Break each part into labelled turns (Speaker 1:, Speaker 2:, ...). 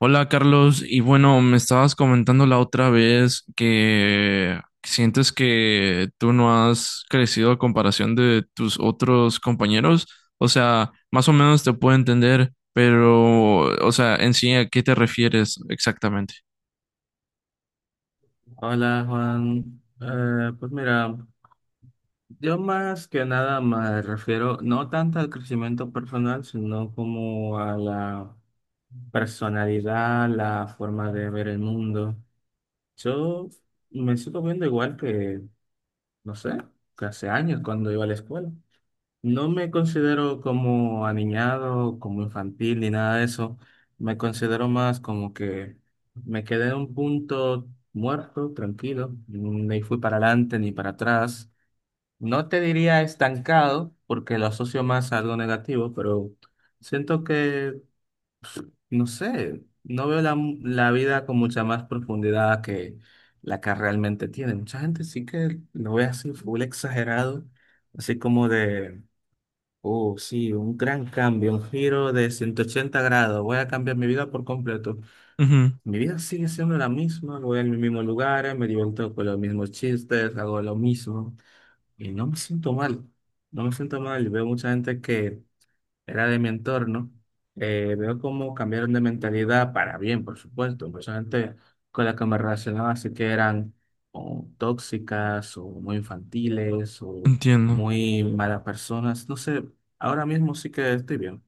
Speaker 1: Hola Carlos, y bueno, me estabas comentando la otra vez que sientes que tú no has crecido a comparación de tus otros compañeros. O sea, más o menos te puedo entender, pero, o sea, en sí, ¿a qué te refieres exactamente?
Speaker 2: Hola Juan. Pues mira, yo más que nada me refiero no tanto al crecimiento personal, sino como a la personalidad, la forma de ver el mundo. Yo me sigo viendo igual que, no sé, que hace años cuando iba a la escuela. No me considero como aniñado, como infantil, ni nada de eso. Me considero más como que me quedé en un punto muerto, tranquilo. Ni fui para adelante ni para atrás. No te diría estancado, porque lo asocio más a algo negativo, pero siento que, no sé, no veo la, la vida con mucha más profundidad que la que realmente tiene. Mucha gente sí que lo ve así, full exagerado, así como de: oh, sí, un gran cambio, un giro de 180 grados. Voy a cambiar mi vida por completo.
Speaker 1: Ujú,
Speaker 2: Mi vida sigue siendo la misma, voy al mismo lugar, me divierto con los mismos chistes, hago lo mismo y no me siento mal. No me siento mal. Veo mucha gente que era de mi entorno, veo cómo cambiaron de mentalidad para bien, por supuesto. Pues son gente con la que me relacionaba, así que eran o tóxicas o muy infantiles o
Speaker 1: entiendo.
Speaker 2: muy malas personas. No sé, ahora mismo sí que estoy bien.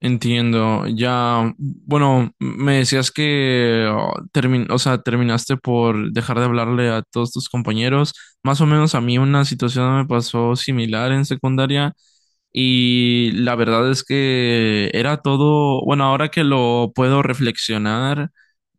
Speaker 1: Entiendo, ya, bueno, me decías que oh, o sea, terminaste por dejar de hablarle a todos tus compañeros. Más o menos a mí una situación me pasó similar en secundaria y la verdad es que era todo, bueno, ahora que lo puedo reflexionar,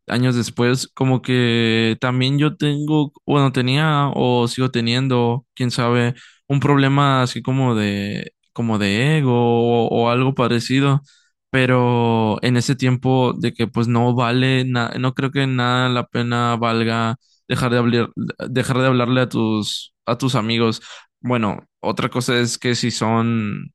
Speaker 1: años después, como que también yo tengo, bueno, tenía o sigo teniendo, quién sabe, un problema así como de, ego o algo parecido, pero en ese tiempo de que pues no vale, no creo que nada la pena valga dejar de hablar, dejar de hablarle a tus, amigos. Bueno, otra cosa es que si son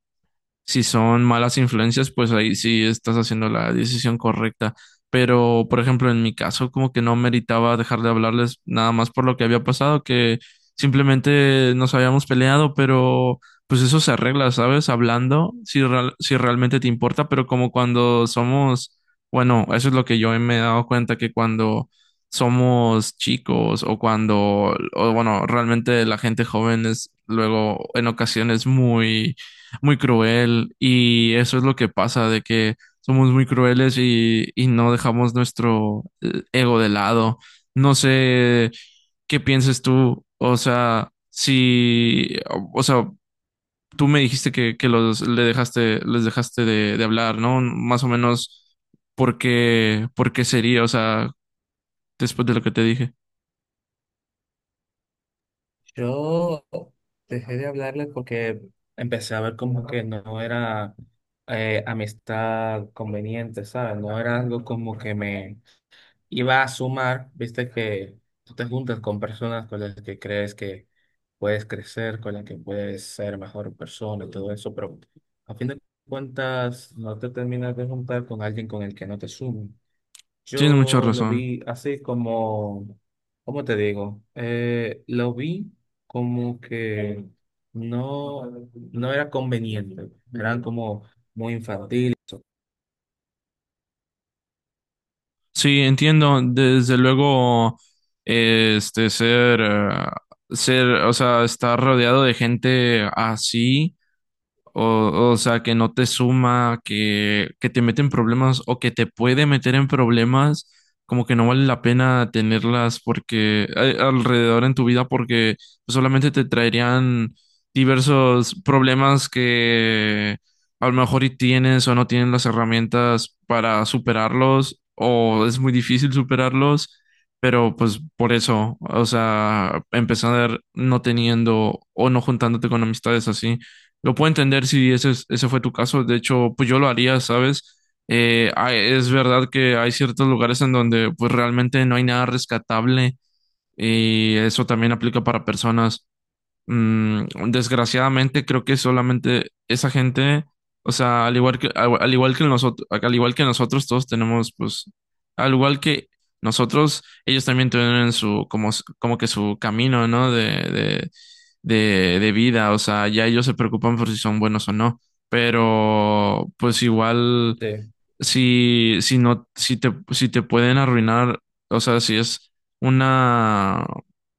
Speaker 1: si son malas influencias, pues ahí sí estás haciendo la decisión correcta. Pero, por ejemplo, en mi caso, como que no meritaba dejar de hablarles nada más por lo que había pasado, que simplemente nos habíamos peleado, pero pues eso se arregla, ¿sabes? Hablando, si realmente te importa, pero como cuando somos, bueno, eso es lo que yo me he dado cuenta, que cuando somos chicos o cuando, o bueno, realmente la gente joven es luego en ocasiones muy muy cruel y eso es lo que pasa, de que somos muy crueles y no dejamos nuestro ego de lado. No sé qué pienses tú, o sea, si, o sea, tú me dijiste que les dejaste de hablar, ¿no? Más o menos, ¿por qué sería? O sea, después de lo que te dije.
Speaker 2: Yo dejé de hablarle porque empecé a ver como que no era amistad conveniente, ¿sabes? No era algo como que me, iba a sumar, viste que tú te juntas con personas con las que crees que puedes crecer, con las que puedes ser mejor persona y todo eso, pero a fin de cuentas no te terminas de juntar con alguien con el que no te sume.
Speaker 1: Tienes mucha
Speaker 2: Yo lo
Speaker 1: razón.
Speaker 2: vi así como, ¿cómo te digo? Lo vi como que no, no era conveniente, eran como muy infantiles.
Speaker 1: Sí, entiendo. Desde luego, este, ser, o sea, estar rodeado de gente así. O sea, que no te suma, que te mete en problemas o que te puede meter en problemas, como que no vale la pena tenerlas porque alrededor en tu vida porque solamente te traerían diversos problemas que a lo mejor y tienes o no tienes las herramientas para superarlos o es muy difícil superarlos, pero pues por eso, o sea, empezar no teniendo o no juntándote con amistades así. Lo puedo entender si ese fue tu caso. De hecho, pues yo lo haría, ¿sabes? Es verdad que hay ciertos lugares en donde pues realmente no hay nada rescatable y eso también aplica para personas. Mm, desgraciadamente creo que solamente esa gente, o sea, al igual que nosotros todos tenemos pues al igual que nosotros, ellos también tienen su como que su camino, ¿no? De de vida, o sea, ya ellos se preocupan por si son buenos o no, pero pues igual
Speaker 2: Sí,
Speaker 1: si no, si te pueden arruinar, o sea, una,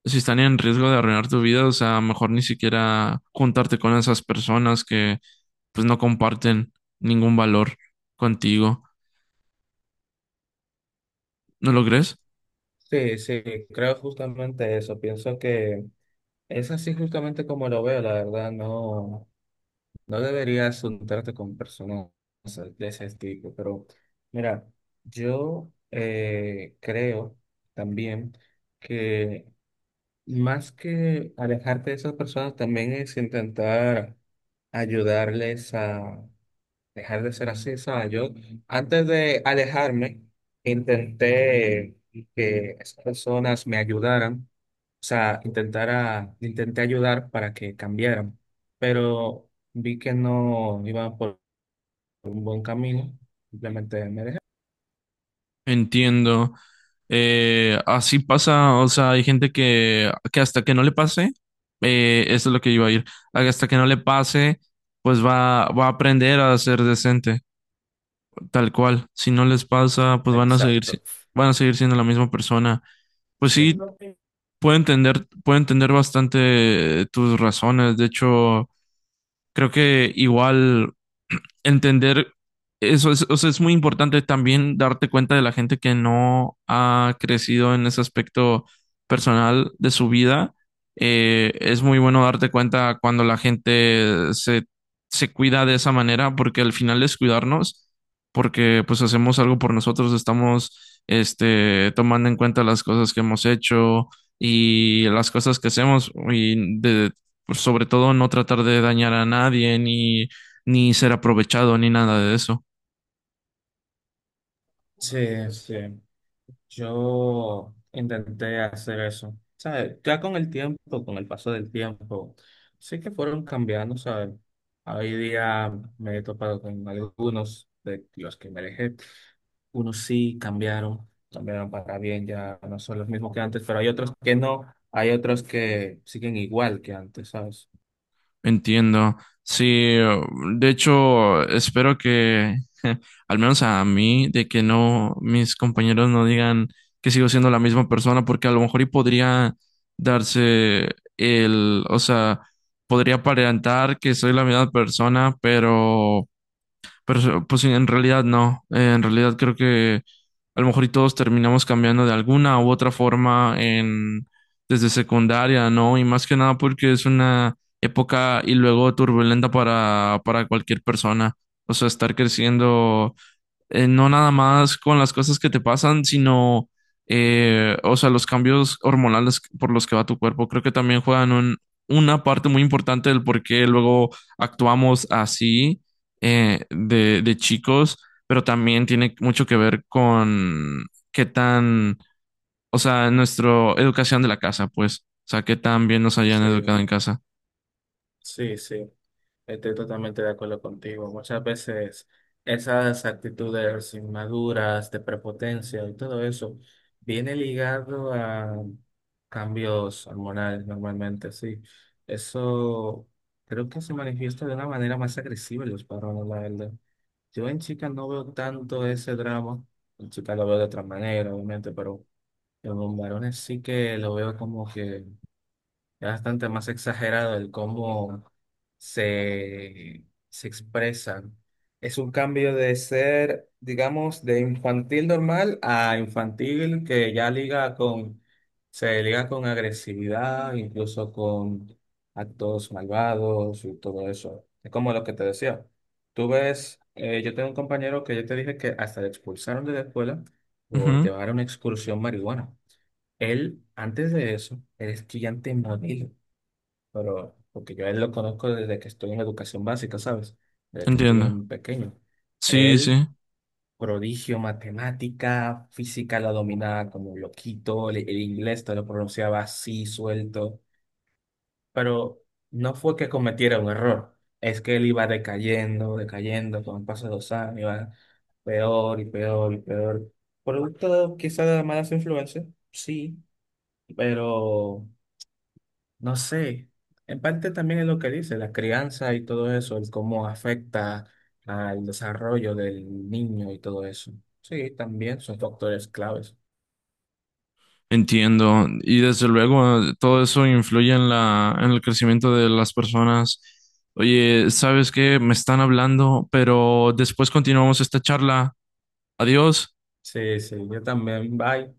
Speaker 1: si están en riesgo de arruinar tu vida, o sea, mejor ni siquiera juntarte con esas personas que pues no comparten ningún valor contigo. ¿No lo crees?
Speaker 2: sí, sí, creo justamente eso. Pienso que Es así justamente como lo veo, la verdad. No, no deberías juntarte con personas de ese tipo, pero mira, yo creo también que más que alejarte de esas personas, también es intentar ayudarles a dejar de ser así, ¿sabes? Yo antes de alejarme, intenté que esas personas me ayudaran, o sea, intenté ayudar para que cambiaran, pero vi que no iba por un buen camino, simplemente me dejé.
Speaker 1: Entiendo. Así pasa, o sea, hay gente que hasta que no le pase, eso es lo que iba a ir, hasta que no le pase, pues va a aprender a ser decente. Tal cual, si no les pasa, pues van a seguir,
Speaker 2: Exacto,
Speaker 1: van a seguir siendo la misma persona. Pues
Speaker 2: sí,
Speaker 1: sí, puedo entender bastante tus razones. De hecho, creo que igual entender eso es, o sea, es muy importante también darte cuenta de la gente que no ha crecido en ese aspecto personal de su vida. Es muy bueno darte cuenta cuando la gente se cuida de esa manera, porque al final es cuidarnos, porque pues hacemos algo por nosotros, estamos este, tomando en cuenta las cosas que hemos hecho y las cosas que hacemos pues, sobre todo no tratar de dañar a nadie ni ser aprovechado ni nada de eso.
Speaker 2: sí, sí. Yo intenté hacer eso, ¿sabes? Ya con el tiempo, con el paso del tiempo, sí que fueron cambiando, ¿sabes? Hoy día me he topado con algunos de los que me alejé. Unos sí cambiaron, cambiaron para bien, ya no son los mismos que antes, pero hay otros que no, hay otros que siguen igual que antes, ¿sabes?
Speaker 1: Entiendo. Sí, de hecho, espero que, al menos a mí, de que no, mis compañeros no digan que sigo siendo la misma persona, porque a lo mejor y podría darse o sea, podría aparentar que soy la misma persona, pero pues sí, en realidad no. En realidad creo que a lo mejor y todos terminamos cambiando de alguna u otra forma en desde secundaria, ¿no? Y más que nada porque es una época y luego turbulenta para cualquier persona. O sea, estar creciendo no nada más con las cosas que te pasan, sino, o sea, los cambios hormonales por los que va tu cuerpo. Creo que también juegan una parte muy importante del por qué luego actuamos así de chicos, pero también tiene mucho que ver con qué tan, o sea, nuestra educación de la casa, pues, o sea, qué tan bien nos hayan
Speaker 2: Sí.
Speaker 1: educado en casa.
Speaker 2: Sí, sí, estoy totalmente de acuerdo contigo. Muchas veces esas actitudes inmaduras, de prepotencia y todo eso, viene ligado a cambios hormonales normalmente, sí. Eso creo que se manifiesta de una manera más agresiva en los varones, la verdad. Yo en chicas no veo tanto ese drama, en chicas lo veo de otra manera, obviamente, pero en los varones sí que lo veo como que... Es bastante más exagerado el cómo se, se expresan. Es un cambio de ser, digamos, de infantil normal a infantil que ya liga con, se liga con agresividad, incluso con actos malvados y todo eso. Es como lo que te decía. Tú ves, yo tengo un compañero que yo te dije que hasta le expulsaron de la escuela por
Speaker 1: Ujú,
Speaker 2: llevar a una excursión marihuana. Él, antes de eso, era estudiante modelo, pero porque yo a él lo conozco desde que estoy en educación básica, ¿sabes? Desde que estoy
Speaker 1: entiendo.
Speaker 2: en pequeño.
Speaker 1: Sí,
Speaker 2: Él,
Speaker 1: sí.
Speaker 2: prodigio, matemática, física la dominaba como loquito, el inglés te lo pronunciaba así, suelto, pero no fue que cometiera un error, es que él iba decayendo, decayendo, con el paso de los años, iba peor y peor y peor. Producto quizá de malas influencias, sí, pero... No sé, en parte también es lo que dice, la crianza y todo eso, el cómo afecta al desarrollo del niño y todo eso. Sí, también son factores claves.
Speaker 1: Entiendo. Y desde luego todo eso influye en el crecimiento de las personas. Oye, ¿sabes qué? Me están hablando, pero después continuamos esta charla. Adiós.
Speaker 2: Sí, sí, yo también, bye.